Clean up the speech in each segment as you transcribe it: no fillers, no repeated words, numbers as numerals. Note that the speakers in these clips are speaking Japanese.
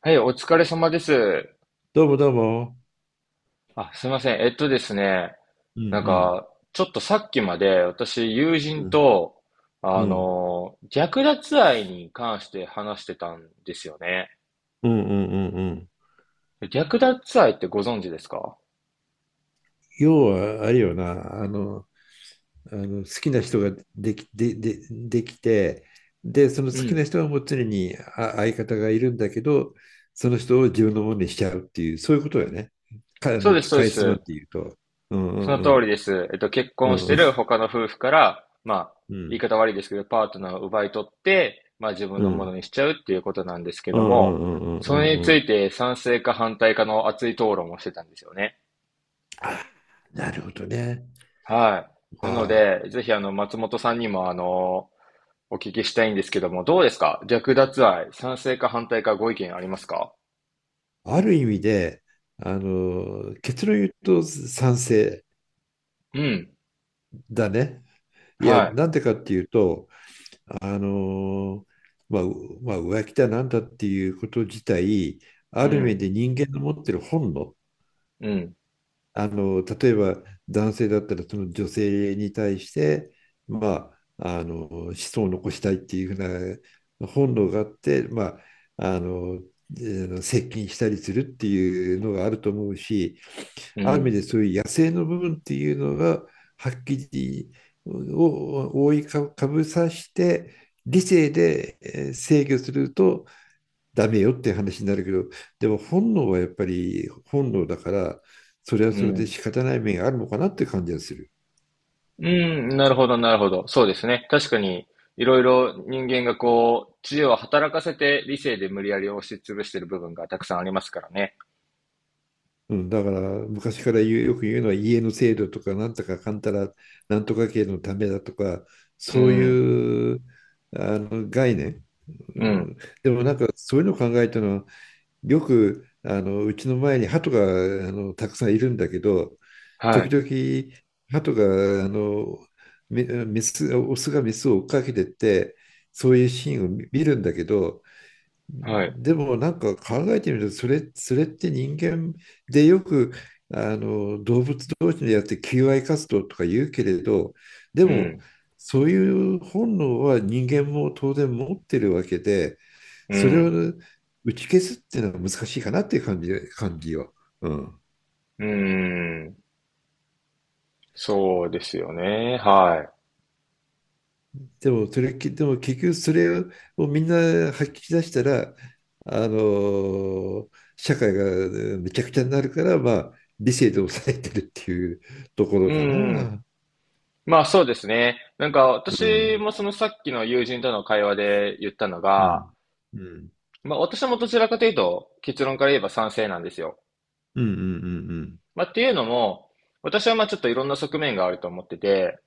はい、お疲れ様です。どうもどうも。あ、すいません。えっとですね、うなんんか、ちょっとさっきまで私、友う人ん、と、うん。うん略奪愛に関して話してたんですよね。うんうんうんうん。略奪愛ってご存知ですか？要は、あれよな、あの好きな人ができ、できて、で、そのう好きん。な人はもう常に相方がいるんだけど、その人を自分のものにしちゃうっていう、そういうことよね。か、あそうの、です、そうでかいつまんす。で言うと。うんうそんのう通りん。です。結う婚しんてうんる他の夫婦から、まあ、言い方悪いですけど、パートナーを奪い取って、まあ自分うんのうものんにしちゃうっていうことなんですけうんどうんも、うんうんうそれんにうつん。いて賛成か反対かの熱い討論をしてたんですよね。あ、なるほどね。はい。なのああ、で、ぜひ松本さんにもお聞きしたいんですけども、どうですか略奪愛、賛成か反対かご意見ありますか？ある意味で、あの、結論言うと賛成うん。だね。いや、はなんでかっていうと、あの、まあ、浮気だなんだっていうこと自体、い。あうる意味ん。で人間の持ってる本能。うん。あの、例えば男性だったら、その女性に対して、まああの、子孫を残したいっていうふうな本能があって、まああの、接近したりするっていうのがあると思うし、うある意味ん。でそういう野生の部分っていうのが、はっきりを覆いかぶさして理性で制御するとダメよって話になるけど、でも本能はやっぱり本能だから、それはうそれでん。仕方ない面があるのかなって感じがする。うん。なるほど、なるほど。そうですね。確かに、いろいろ人間がこう、知恵を働かせて理性で無理やり押し潰してる部分がたくさんありますからね。うん、だから昔からよく言うのは、家の制度とかなんとかかんたらなんとか系のためだとか、うそうん。いうあの概念、ううん。ん、でもなんかそういうのを考えたのは、よくあのうちの前に鳩があのたくさんいるんだけど、は時い。々、鳩が、あの、メス、オスがメスを追っかけてって、そういうシーンを見るんだけど、はい。でもなんか考えてみると、それって人間でよく、あの、動物同士でやって求愛活動とか言うけれど、でうも、ん。そういう本能は人間も当然持ってるわけで、うそれをん。打ち消すっていうのは難しいかなっていう感じよ。うん。うん。そうですよね。はでも、それ、きでも結局それをみんな吐き出したら、あの、社会がめちゃくちゃになるから、まあ、理性で抑えてるっていうとこい。ろうかん。な。まあそうですね。なんかう私ん。もそのさっきの友人との会話で言ったのうが、ん。うん。まあ私もどちらかというと結論から言えば賛成なんですよ。うんうんうんまあっていうのも、私はまあちょっといろんな側面があると思ってて、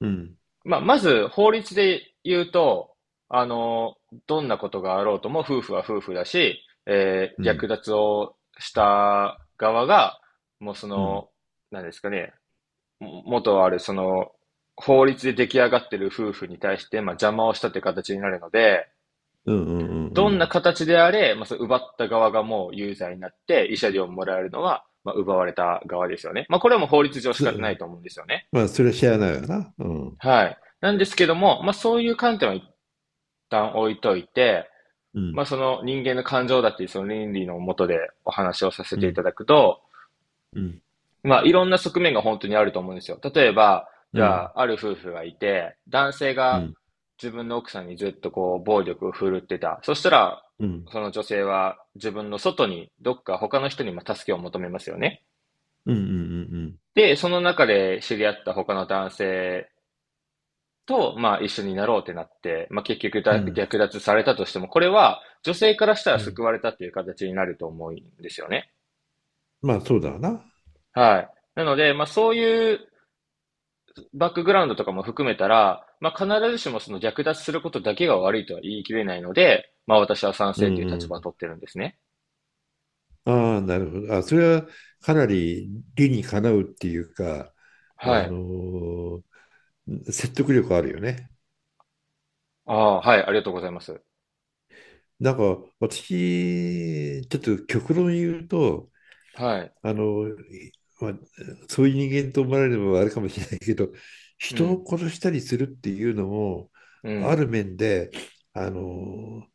うん。うん。まあまず法律で言うと、あの、どんなことがあろうとも夫婦は夫婦だし、う略ん。奪をした側が、もうそうんの、なんですかね、も元ある、その、法律で出来上がってる夫婦に対して、まあ、邪魔をしたという形になるので、うんうんうどんなん。形であれ、まあ、その奪った側がもう有罪になって、慰謝料をもらえるのは、まあ、奪われた側ですよね。まあ、これはもう法律上仕そ方ないと思うんですよね。まあ、それは知らないよな。うん。はい。なんですけども、まあ、そういう観点は一旦置いといて、うまあ、ん。その人間の感情だっていうその倫理のもとでお話をさせうていん。ただくと、うん。まあ、いろんな側面が本当にあると思うんですよ。例えば、うじゃん。あ、ある夫婦がいて、男性うがん。自分の奥さんにずっとこう、暴力を振るってた。そしたら、うん。その女性は自分の外に、どっか他の人にも助けを求めますよね。うん。うん。うん。で、その中で知り合った他の男性と、まあ、一緒になろうってなって、まあ、結局うだん。略奪されたとしても、これは女性からしたらうん。救われたっていう形になると思うんですよね。まあ、そうだな。はい。なので、まあ、そういうバックグラウンドとかも含めたら、まあ、必ずしもその略奪することだけが悪いとは言い切れないので、まあ、私は賛う成といんうう立場をん。取ってるんですね。ああ、なるほど。あ、それはかなり理にかなうっていうか、あはのい。ー説得力あるよね。ああ、はい、ありがとうございます。なんか私、ちょっと極論言うと、はい。あの、まあ、そういう人間と思われるのはあれかもしれないけど、う人をん、殺したりするっていうのも、うあん、る面で、あの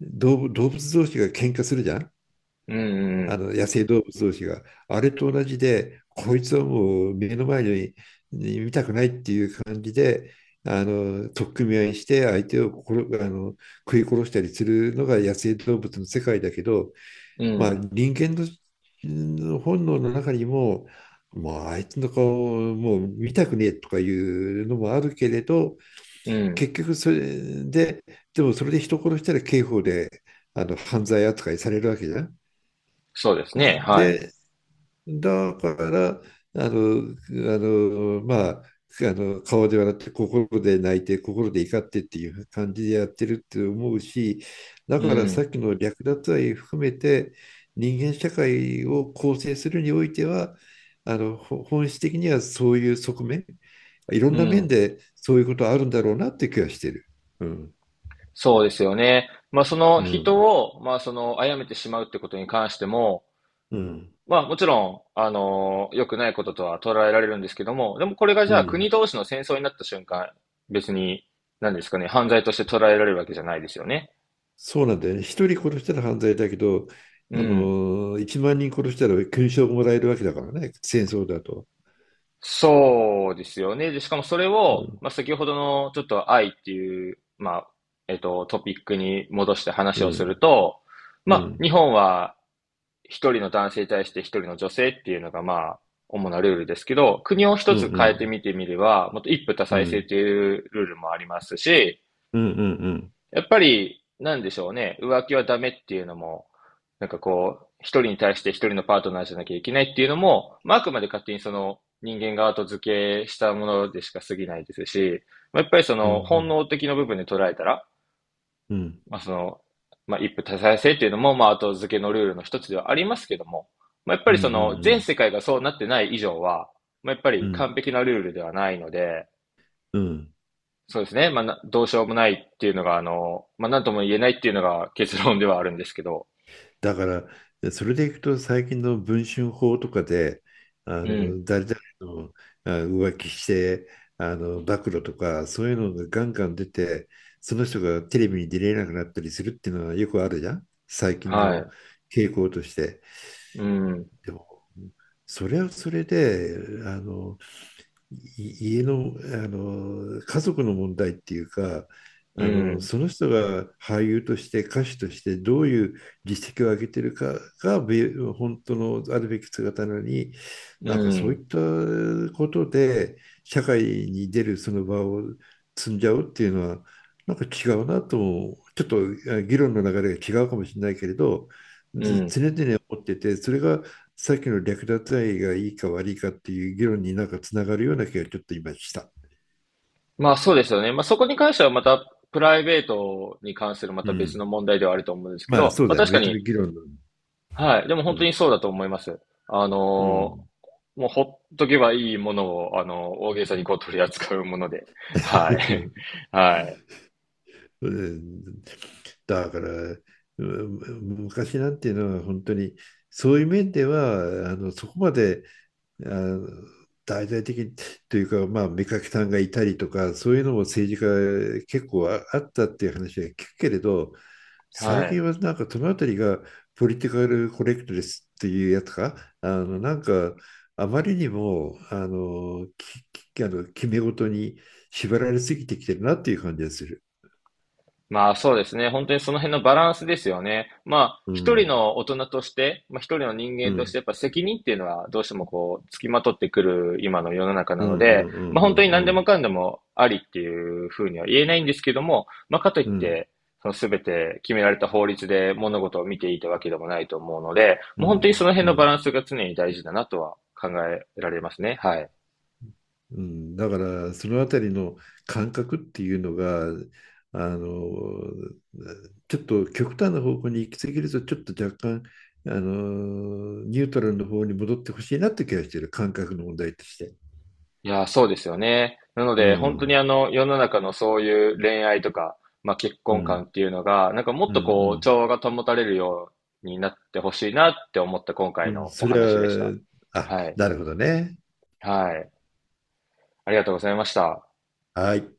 動物同士が喧嘩するじゃん。うあん、の、野生動物同士が、あれと同じで、こいつはもう目の前に見たくないっていう感じで、あの、取っ組み合いして相手を殺あの食い殺したりするのが野生動物の世界だけど、うん、うまあ、ん、人間の本能の中にも、もうあいつの顔をもう見たくねえとかいうのもあるけれど、うん。結局それで、でもそれで人殺したら刑法であの犯罪扱いされるわけじゃん。そうですね。はい。で、だから、あの、まあ、あの、顔で笑って心で泣いて心で怒ってっていう感じでやってるって思うし、だうからさん、っきの略奪愛含めて、人間社会を構成するにおいては、あの本質的にはそういう側面、いろんうな面ん。でそういうことあるんだろうなって気がしてる。うんそうですよね。まあ、そのう人んを、まあ、その、殺めてしまうってことに関しても、うんまあもちろん、良くないこととは捉えられるんですけども、でもこれがじうゃあ国ん。同士の戦争になった瞬間、別に、何ですかね、犯罪として捉えられるわけじゃないですよね。そうなんだよね。一人殺したら犯罪だけど、うあん。の、一万人殺したら勲章もらえるわけだからね。戦争だと。そうですよね。で、しかもそれうを、んまあ先ほどのちょっと愛っていう、まあ、トピックに戻してう話をするんと、うまあん日本は一人の男性に対して一人の女性っていうのがまあ、主なルールですけど、国をう一んつう変えてんみてみれば、もっと一夫多う妻制んというルールもありますし、うんうんうんやっぱり、なんでしょうね、浮気はダメっていうのも、なんかこう、一人に対して一人のパートナーじゃなきゃいけないっていうのも、まあ、あくまで勝手にその人間が後付けしたものでしか過ぎないですし、まあ、やっぱりそうんうの本ん能的な部分で捉えたら、うんうんまあ、その、まあ、一夫多妻制っていうのも、まあ、後付けのルールの一つではありますけども、まあ、やっぱうりその全ん世界がそうなってない以上は、まあ、やっぱうりんうん。完璧なルールではないので、うん。そうですね。まあ、などうしようもないっていうのが、まあ、なんとも言えないっていうのが結論ではあるんですけど。だから、それでいくと最近の文春法とかで、あうん。の誰々の浮気してあの暴露とか、そういうのがガンガン出て、その人がテレビに出れなくなったりするっていうのはよくあるじゃん、最近はのい。傾向として。うん。でも、それはそれで、あの家の、あの、家族の問題っていうか、うあのん。その人が俳優として歌手としてどういう実績を上げてるかが本当のあるべき姿なのに、うなんかそういん。ったことで社会に出るその場を積んじゃうっていうのは、なんか違うなとも、ちょっと議論の流れが違うかもしれないけれど、うずん。常々思ってて、それがさっきの略奪愛がいいか悪いかっていう議論になんかつながるような気がちょっと今した。まあ、そうですよね。まあ、そこに関してはまた、プライベートに関するまうた別のん。問題ではあると思うんですけまあど、そうまあ、だよね。確か別のに、議論の。はい。でもう本当ん。にそうだと思います。あうの、ん。もうほっとけばいいものを、大げさにこう取り扱うもので。はい。はい。うん、だから、うん、昔なんていうのは本当にそういう面では、あの、そこまであの大々的にというか、まあ、目かけさんがいたりとか、そういうのも政治家結構あったっていう話は聞くけれど、は最近い。はなんかそのあたりがポリティカルコレクトレスっていうやつか、あのなんか、あまりにもあのあの決め事に縛られすぎてきてるなっていう感じがする。まあそうですね。本当にその辺のバランスですよね。まあう一人ん、の大人として、まあ一人の人う間としん、てやっぱ責任っていうのはどうしてもこう付きまとってくる今の世の中なうん、うので、ん、うまあ本当ん、にう何でもん、かんでもありっていうふうには言えないんですけども、まあかといっうん、て、その全て決められた法律で物事を見ていたわけでもないと思うので、うもう本当にそん、の辺うのバラん。ンスが常に大事だなとは考えられますね。はい。うん、だからそのあたりの感覚っていうのが、あの、ちょっと極端な方向に行き過ぎると、ちょっと若干あのニュートラルの方に戻ってほしいなって気がしてる、感覚の問題として。いやー、そうですよね。なのうで、本当にん世の中のそういう恋愛とか、まあ結う婚観んっていうのが、なんかもっうんうとこう、ん、調和が保たれるようになってほしいなって思った今う回ん、のおそれ話でした。は、はい。なるほどね。はい。ありがとうございました。はい。